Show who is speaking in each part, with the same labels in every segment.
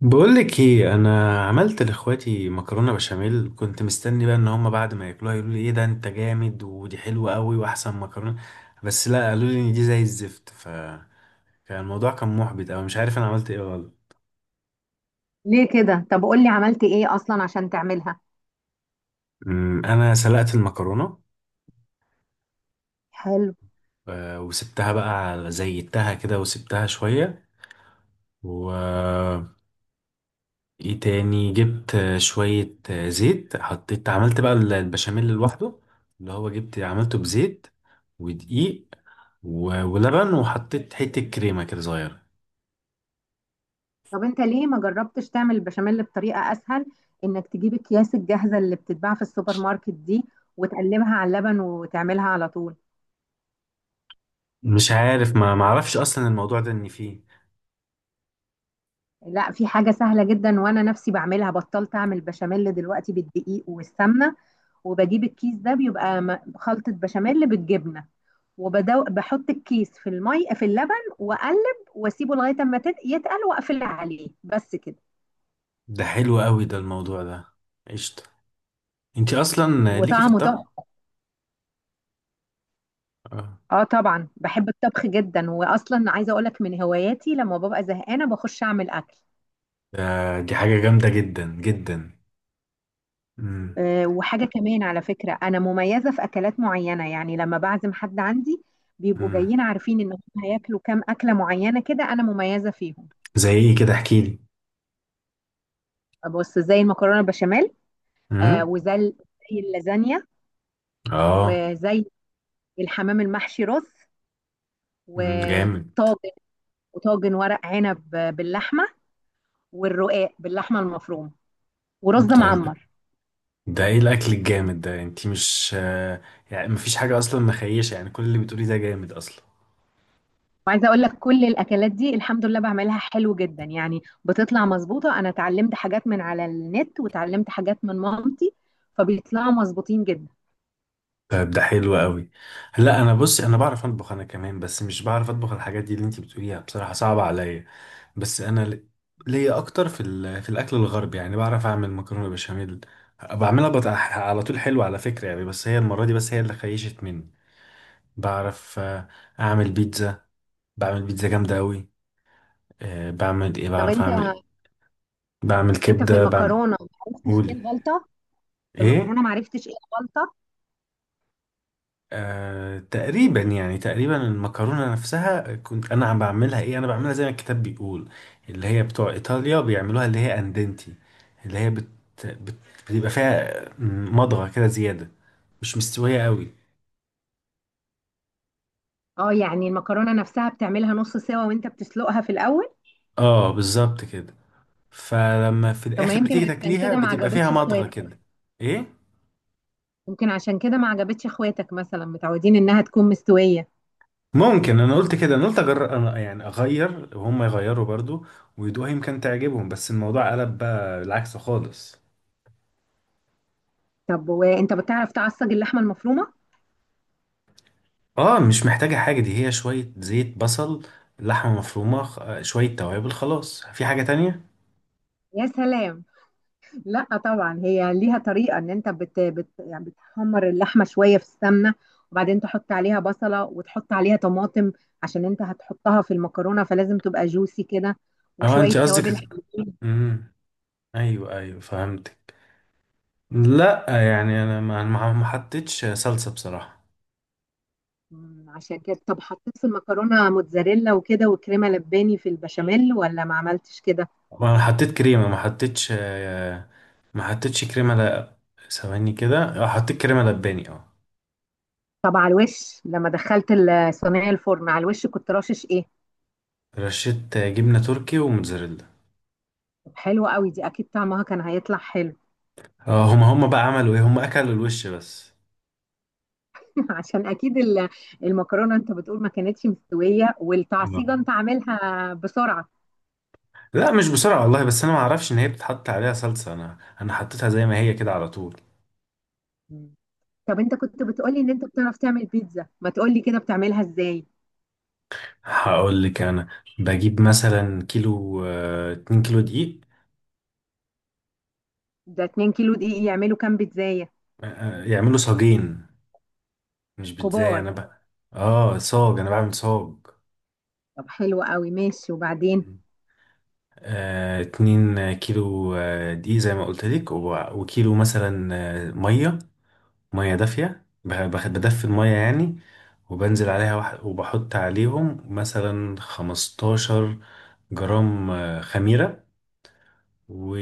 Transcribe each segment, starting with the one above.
Speaker 1: بقولك ايه، انا عملت لاخواتي مكرونه بشاميل. كنت مستني بقى ان هم بعد ما ياكلوها يقولوا لي ايه ده انت جامد ودي حلوه قوي واحسن مكرونه. بس لا، قالوا لي ان دي زي الزفت. فكان الموضوع كان محبط، او مش عارف انا عملت ايه غلط.
Speaker 2: ليه كده؟ طب قول لي عملت ايه اصلا عشان تعملها؟
Speaker 1: انا سلقت المكرونه.
Speaker 2: حلو.
Speaker 1: وسبتها بقى زيتها كده وسبتها شويه. ايه تاني؟ جبت شوية زيت، حطيت، عملت بقى البشاميل لوحده. اللي هو جبت عملته بزيت ودقيق ولبن، وحطيت حتة كريمة كده صغيرة.
Speaker 2: طب انت ليه ما جربتش تعمل البشاميل بطريقة اسهل؟ انك تجيب اكياس الجاهزة اللي بتتباع في السوبر ماركت دي، وتقلبها على اللبن وتعملها على طول.
Speaker 1: مش عارف، ما معرفش اصلا الموضوع ده ان فيه.
Speaker 2: لا، في حاجة سهلة جدا وانا نفسي بعملها. بطلت اعمل بشاميل دلوقتي بالدقيق والسمنة، وبجيب الكيس ده بيبقى خلطة بشاميل بالجبنة. وبحط الكيس في المي في اللبن، واقلب واسيبه لغاية اما يتقل، واقفل عليه بس كده.
Speaker 1: ده حلو قوي ده الموضوع ده. قشطة. انتي اصلا ليكي في
Speaker 2: وطعمه
Speaker 1: الطبخ.
Speaker 2: تحفة.
Speaker 1: اه.
Speaker 2: اه طبعا، بحب الطبخ جدا. واصلا عايزه اقولك من هواياتي لما ببقى زهقانه بخش اعمل اكل.
Speaker 1: دي حاجة جامدة جدا جدا. مم.
Speaker 2: أه، وحاجه كمان على فكره، انا مميزه في اكلات معينه، يعني لما بعزم حد عندي بيبقوا
Speaker 1: مم.
Speaker 2: جايين عارفين ان هم هياكلوا كام اكله معينه كده انا مميزه فيهم.
Speaker 1: زي ايه كده؟ احكيلي.
Speaker 2: بص، زي المكرونه البشاميل. أه،
Speaker 1: مم.
Speaker 2: وزي زي اللازانيا،
Speaker 1: اه.
Speaker 2: وزي الحمام المحشي رز،
Speaker 1: مم. جامد.
Speaker 2: وطاجن، وطاجن ورق عنب باللحمه، والرقاق باللحمه المفرومه، ورز
Speaker 1: طب
Speaker 2: معمر.
Speaker 1: ده ايه الاكل الجامد ده؟ انتي مش يعني مفيش حاجه اصلا مخيشه، يعني كل اللي بتقوليه ده جامد اصلا.
Speaker 2: وعايزه اقول لك، كل الاكلات دي الحمد لله بعملها حلو جدا، يعني بتطلع مظبوطه. انا اتعلمت حاجات من على النت وتعلمت حاجات من مامتي، فبيطلعوا مظبوطين جدا.
Speaker 1: طيب ده حلو قوي. لا، انا بصي، انا بعرف اطبخ انا كمان، بس مش بعرف اطبخ الحاجات دي اللي انتي بتقوليها بصراحه صعبه عليا. بس انا ليا اكتر في الاكل الغربي. يعني بعرف اعمل مكرونه بشاميل، على طول حلو على فكره يعني، بس هي المره دي بس هي اللي خيشت مني. بعرف اعمل بيتزا. بعمل بيتزا جامده قوي. بعمل ايه؟
Speaker 2: طب
Speaker 1: بعرف
Speaker 2: انت
Speaker 1: اعمل، بعمل
Speaker 2: انت في
Speaker 1: كبده، بعمل.
Speaker 2: المكرونه ما عرفتش ايه
Speaker 1: قولي.
Speaker 2: الغلطه؟ في
Speaker 1: ايه؟
Speaker 2: المكرونه ما عرفتش ايه الغلطه؟
Speaker 1: تقريبا، يعني تقريبا المكرونة نفسها كنت أنا عم بعملها، إيه أنا بعملها زي ما الكتاب بيقول. اللي هي بتوع إيطاليا بيعملوها، اللي هي أندنتي، اللي هي بت... بتبقى فيها مضغة كده زيادة، مش مستوية قوي.
Speaker 2: اه، يعني المكرونه نفسها بتعملها نص سوا وانت بتسلقها في الاول؟
Speaker 1: اه، بالظبط كده. فلما في
Speaker 2: طب ما
Speaker 1: الآخر
Speaker 2: يمكن
Speaker 1: بتيجي
Speaker 2: عشان
Speaker 1: تاكليها
Speaker 2: كده ما
Speaker 1: بتبقى فيها
Speaker 2: عجبتش
Speaker 1: مضغة
Speaker 2: اخواتك.
Speaker 1: كده. إيه؟
Speaker 2: يمكن عشان كده ما عجبتش اخواتك، مثلا متعودين انها تكون مستويه.
Speaker 1: ممكن، أنا قلت كده، أنا قلت أجرب أنا يعني أغير وهم يغيروا برضو ويدوها يمكن تعجبهم، بس الموضوع قلب بقى العكس خالص.
Speaker 2: طب وانت بتعرف تعصج اللحمه المفرومه؟
Speaker 1: اه، مش محتاجة حاجة، دي هي شوية زيت، بصل، لحمة مفرومة، شوية توابل، خلاص. في حاجة تانية؟
Speaker 2: يا سلام. لا طبعا، هي ليها طريقة ان انت بت يعني بتحمر اللحمة شوية في السمنة، وبعدين تحط عليها بصلة وتحط عليها طماطم، عشان انت هتحطها في المكرونة فلازم تبقى جوسي كده،
Speaker 1: اه،
Speaker 2: وشوية
Speaker 1: انت
Speaker 2: توابل
Speaker 1: قصدك.
Speaker 2: حلوين.
Speaker 1: امم. ايوه ايوه، فهمتك. لا، يعني انا ما حطيتش صلصة بصراحة.
Speaker 2: عشان كده، طب حطيت في المكرونة موتزاريلا وكده وكريمة لباني في البشاميل ولا ما عملتش كده؟
Speaker 1: انا حطيت كريمة، ما حطيتش ما حطيتش كريمة، لا. ثواني كده، اه حطيت كريمة لباني، اه.
Speaker 2: طب على الوش، لما دخلت الصينية الفرن على الوش كنت رشش ايه؟
Speaker 1: رشيت جبنة تركي وموتزاريلا.
Speaker 2: طب حلوة قوي دي، اكيد طعمها كان هيطلع حلو.
Speaker 1: اه، هما بقى عملوا ايه؟ هما اكلوا الوش بس.
Speaker 2: عشان اكيد المكرونه، انت بتقول ما كانتش مستويه، والتعصيجه
Speaker 1: اه.
Speaker 2: انت عاملها بسرعه.
Speaker 1: لا مش بسرعة والله، بس أنا ما أعرفش إن هي بتتحط عليها صلصة، أنا حطيتها زي ما هي كده على طول.
Speaker 2: مم. طب انت كنت بتقولي ان انت بتعرف تعمل بيتزا، ما تقولي كده بتعملها ازاي؟
Speaker 1: هقول لك أنا بجيب مثلا كيلو، اتنين كيلو دقيق.
Speaker 2: ده 2 كيلو دقيق يعملوا كام بيتزاية
Speaker 1: يعملوا صاجين، مش بتزاي
Speaker 2: كبار؟
Speaker 1: أنا بقى. صاج، أنا بعمل صاج.
Speaker 2: طب حلو قوي، ماشي وبعدين؟
Speaker 1: اتنين كيلو دقيق زي ما قلت لك، وكيلو مثلا مية، مية دافية، بدفي المية يعني. وبنزل عليها وبحط عليهم مثلا 15 جرام خميرة، و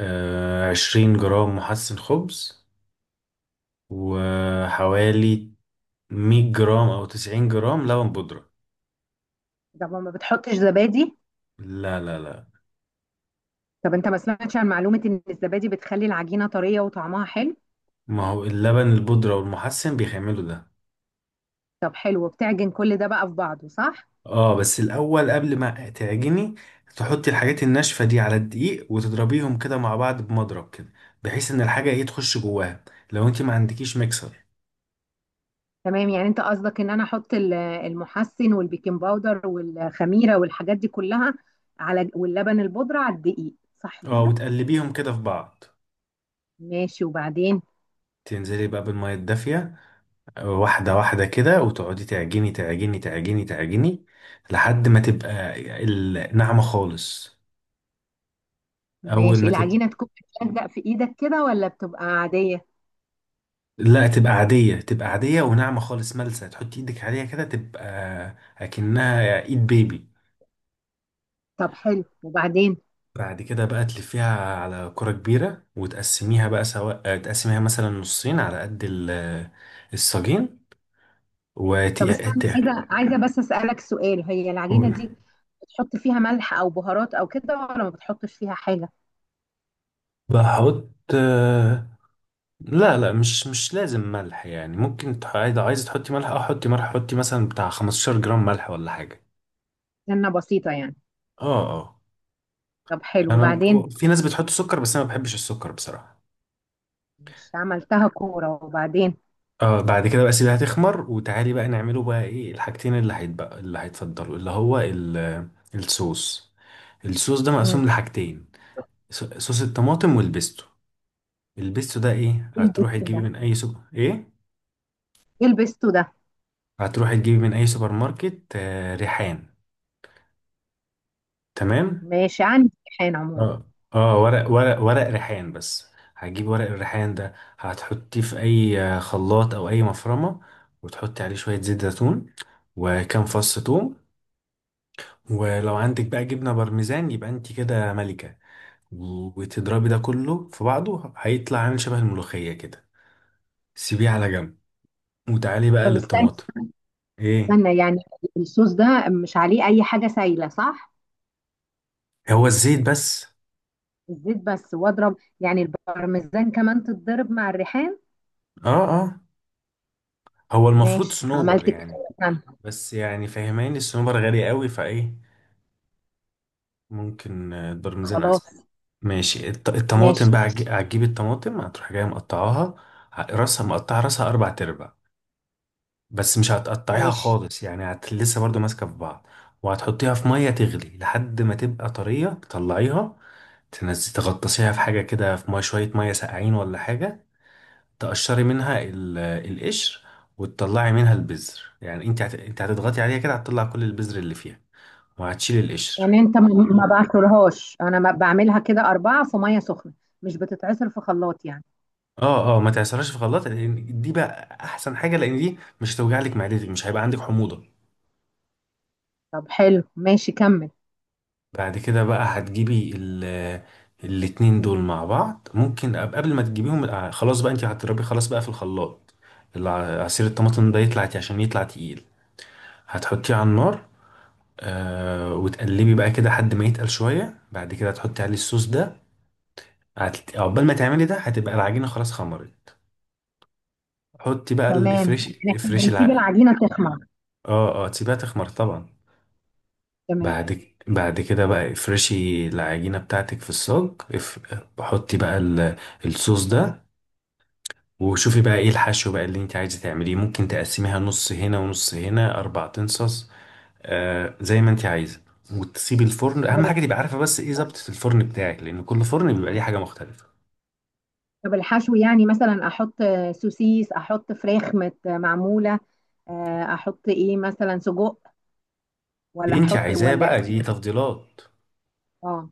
Speaker 1: 20 جرام محسن خبز، وحوالي 100 جرام أو 90 جرام لبن بودرة.
Speaker 2: طب ما بتحطش زبادي؟
Speaker 1: لا لا لا،
Speaker 2: طب انت ما سمعتش عن معلومة ان الزبادي بتخلي العجينة طرية وطعمها حلو؟
Speaker 1: ما هو اللبن البودرة والمحسن بيخملوا ده.
Speaker 2: طب حلو، بتعجن كل ده بقى في بعضه، صح؟
Speaker 1: اه، بس الأول قبل ما تعجني تحطي الحاجات الناشفة دي على الدقيق وتضربيهم كده مع بعض بمضرب كده، بحيث إن الحاجة ايه تخش جواها لو انت ما عندكيش ميكسر.
Speaker 2: تمام، يعني انت قصدك ان انا احط المحسن والبيكنج باودر والخميره والحاجات دي كلها على واللبن البودره على الدقيق، صح
Speaker 1: اه،
Speaker 2: كده؟
Speaker 1: وتقلبيهم كده في بعض،
Speaker 2: ماشي وبعدين؟
Speaker 1: تنزلي بقى بالمية الدافية واحدة واحدة كده، وتقعدي تعجني تعجني تعجني تعجني لحد ما تبقى الناعمة خالص. أول
Speaker 2: ماشي،
Speaker 1: ما تبقى.
Speaker 2: العجينه تكون بتلزق في ايدك كده ولا بتبقى عاديه؟
Speaker 1: لا، تبقى عادية، تبقى عادية وناعمة خالص ملسة، تحطي ايدك عليها كده تبقى أكنها ايد بيبي.
Speaker 2: طب حلو وبعدين؟
Speaker 1: بعد كده بقى تلفيها على كرة كبيرة وتقسميها بقى، سواء تقسميها مثلا نصين على قد الساجين. وت...
Speaker 2: طب استني، عايزه بس اسالك سؤال، هي العجينه دي بتحط فيها ملح او بهارات او كده ولا ما بتحطش فيها حاجه؟
Speaker 1: بحط. لا لا، مش لازم ملح يعني، ممكن عايزة عايزة تحطي ملح، اه حطي ملح، حطي مثلا بتاع 15 جرام ملح ولا حاجة.
Speaker 2: سنه بسيطه يعني.
Speaker 1: اه اه.
Speaker 2: طب حلو
Speaker 1: انا،
Speaker 2: وبعدين؟
Speaker 1: في ناس بتحط سكر، بس انا ما بحبش السكر بصراحة.
Speaker 2: مش عملتها كوره وبعدين؟
Speaker 1: اه، بعد كده بقى سيبها تخمر، وتعالي بقى نعمله بقى ايه الحاجتين اللي هيتبقى اللي هيتفضلوا، اللي هو الصوص. الصوص ده
Speaker 2: مم.
Speaker 1: مقسوم لحاجتين، صوص الطماطم والبيستو. البيستو ده ايه؟
Speaker 2: ايه
Speaker 1: هتروحي
Speaker 2: البيستو
Speaker 1: تجيبي
Speaker 2: ده
Speaker 1: من اي سوبر ايه،
Speaker 2: ايه البيستو ده؟
Speaker 1: هتروحي تجيبي من اي سوبر ماركت، آه ريحان. تمام.
Speaker 2: ماشي، عندي امتحان عموما.
Speaker 1: اه اه، ورق ورق ورق ريحان بس. هتجيب ورق الريحان ده، هتحطيه في اي خلاط او اي مفرمه، وتحطي عليه شويه زيت زيتون، وكام فص ثوم. ولو عندك بقى جبنه بارميزان، يبقى انت كده ملكه. وتضربي ده كله في بعضه، هيطلع عامل شبه الملوخيه كده. سيبيه على جنب وتعالي بقى
Speaker 2: طب استنى.
Speaker 1: للطماطم. ايه؟
Speaker 2: استنى يعني، الصوص ده مش عليه اي حاجه سايله، صح؟
Speaker 1: هو الزيت بس.
Speaker 2: الزيت بس؟ واضرب يعني البارميزان كمان تتضرب مع الريحان؟
Speaker 1: اه اه، هو المفروض
Speaker 2: ماشي، عملت
Speaker 1: صنوبر
Speaker 2: كده.
Speaker 1: يعني،
Speaker 2: استنى.
Speaker 1: بس يعني فاهماني الصنوبر غالي قوي، فايه؟ ممكن البرميزان احسن.
Speaker 2: خلاص.
Speaker 1: ماشي،
Speaker 2: ماشي.
Speaker 1: الطماطم بقى، هتجيب الطماطم هتروح جايه مقطعاها، راسها مقطعه، راسها اربع تربع، بس مش هتقطعيها
Speaker 2: ماشي،
Speaker 1: خالص يعني. لسه برضو ماسكه في بعض. وهتحطيها في ميه تغلي لحد ما تبقى طريه، تطلعيها تنزلي تغطسيها في حاجه كده في ميه، شويه ميه ساقعين ولا حاجه، تقشري منها القشر وتطلعي منها البذر، يعني انت انت هتضغطي عليها كده هتطلع كل البذر اللي فيها، وهتشيلي القشر.
Speaker 2: يعني انت ما بعصرهاش، انا ما بعملها كده اربعه في ميه سخنه، مش بتتعصر في خلاط يعني؟
Speaker 1: اه اه، ما تعصرهاش في خلاط لان دي بقى احسن حاجه، لان دي مش هتوجع لك معدتك، مش هيبقى عندك حموضه.
Speaker 2: طب حلو ماشي، كمل.
Speaker 1: بعد كده بقى هتجيبي الاتنين دول مع بعض، ممكن قبل ما تجيبيهم خلاص بقى انت هتضربيه خلاص بقى في الخلاط. عصير الطماطم ده يطلع، عشان يطلع تقيل هتحطيه على النار، وتقلبي بقى كده لحد ما يتقل شويه، بعد كده تحطي عليه الصوص ده. عقبال ما تعملي ده هتبقى العجينه خلاص خمرت. حطي بقى
Speaker 2: تمام،
Speaker 1: الافريش،
Speaker 2: يعني احنا
Speaker 1: افريش
Speaker 2: بنسيب العجينه تخمر؟
Speaker 1: اه اه، تسيبيها تخمر طبعا.
Speaker 2: تمام.
Speaker 1: بعد كده بقى افرشي العجينة بتاعتك في الصاج. اف... حطي بقى الصوص ده، وشوفي بقى ايه الحشو بقى اللي انت عايزة تعمليه. ممكن تقسميها نص هنا ونص هنا، اربع تنصص، زي ما انت عايزة. وتسيبي الفرن،
Speaker 2: طب
Speaker 1: اهم حاجة تبقى عارفة بس ايه ظبطة الفرن بتاعك، لان كل فرن بيبقى ليه حاجة مختلفة.
Speaker 2: طب الحشو يعني، مثلا احط سوسيس، احط فراخ مت معموله، احط ايه مثلا سجق ولا
Speaker 1: اللي انت
Speaker 2: احط
Speaker 1: عايزاه
Speaker 2: ولا؟
Speaker 1: بقى، دي تفضيلات.
Speaker 2: اه،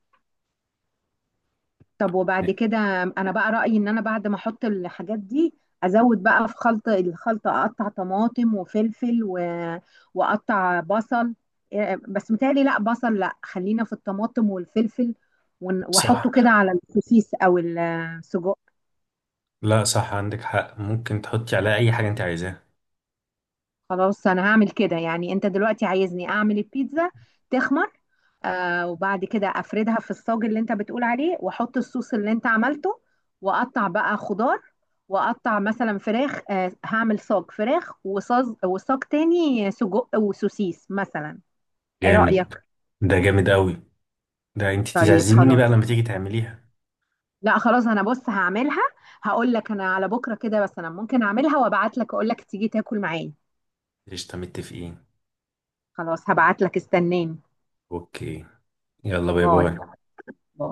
Speaker 2: طب وبعد كده؟ انا بقى رايي ان انا بعد ما احط الحاجات دي، ازود بقى في خلط الخلطه، اقطع طماطم وفلفل واقطع بصل. إيه، بس متهيألي، لا بصل، لا، خلينا في الطماطم والفلفل. واحطه كده
Speaker 1: صح.
Speaker 2: على السوسيس او السجق.
Speaker 1: لا صح، عندك حق، ممكن تحطي عليها اي حاجة انت عايزاها.
Speaker 2: خلاص، انا هعمل كده، يعني انت دلوقتي عايزني اعمل البيتزا، تخمر، وبعد كده افردها في الصاج اللي انت بتقول عليه، واحط الصوص اللي انت عملته، واقطع بقى خضار، واقطع مثلا فراخ، هعمل صاج فراخ وصاج، وصاج تاني سجق وسوسيس مثلا. ايه
Speaker 1: جامد.
Speaker 2: رأيك؟
Speaker 1: ده جامد قوي، ده انت
Speaker 2: طيب،
Speaker 1: تعزميني
Speaker 2: خلاص.
Speaker 1: بقى لما تيجي تعمليها.
Speaker 2: لا خلاص، انا بص هعملها. هقول لك، انا على بكره كده، بس انا ممكن اعملها وابعت لك اقول لك تيجي تاكل معايا.
Speaker 1: قشطة، متفقين.
Speaker 2: خلاص، هبعت لك، استناني.
Speaker 1: اوكي. يلا، باي
Speaker 2: باي.
Speaker 1: باي.
Speaker 2: باي.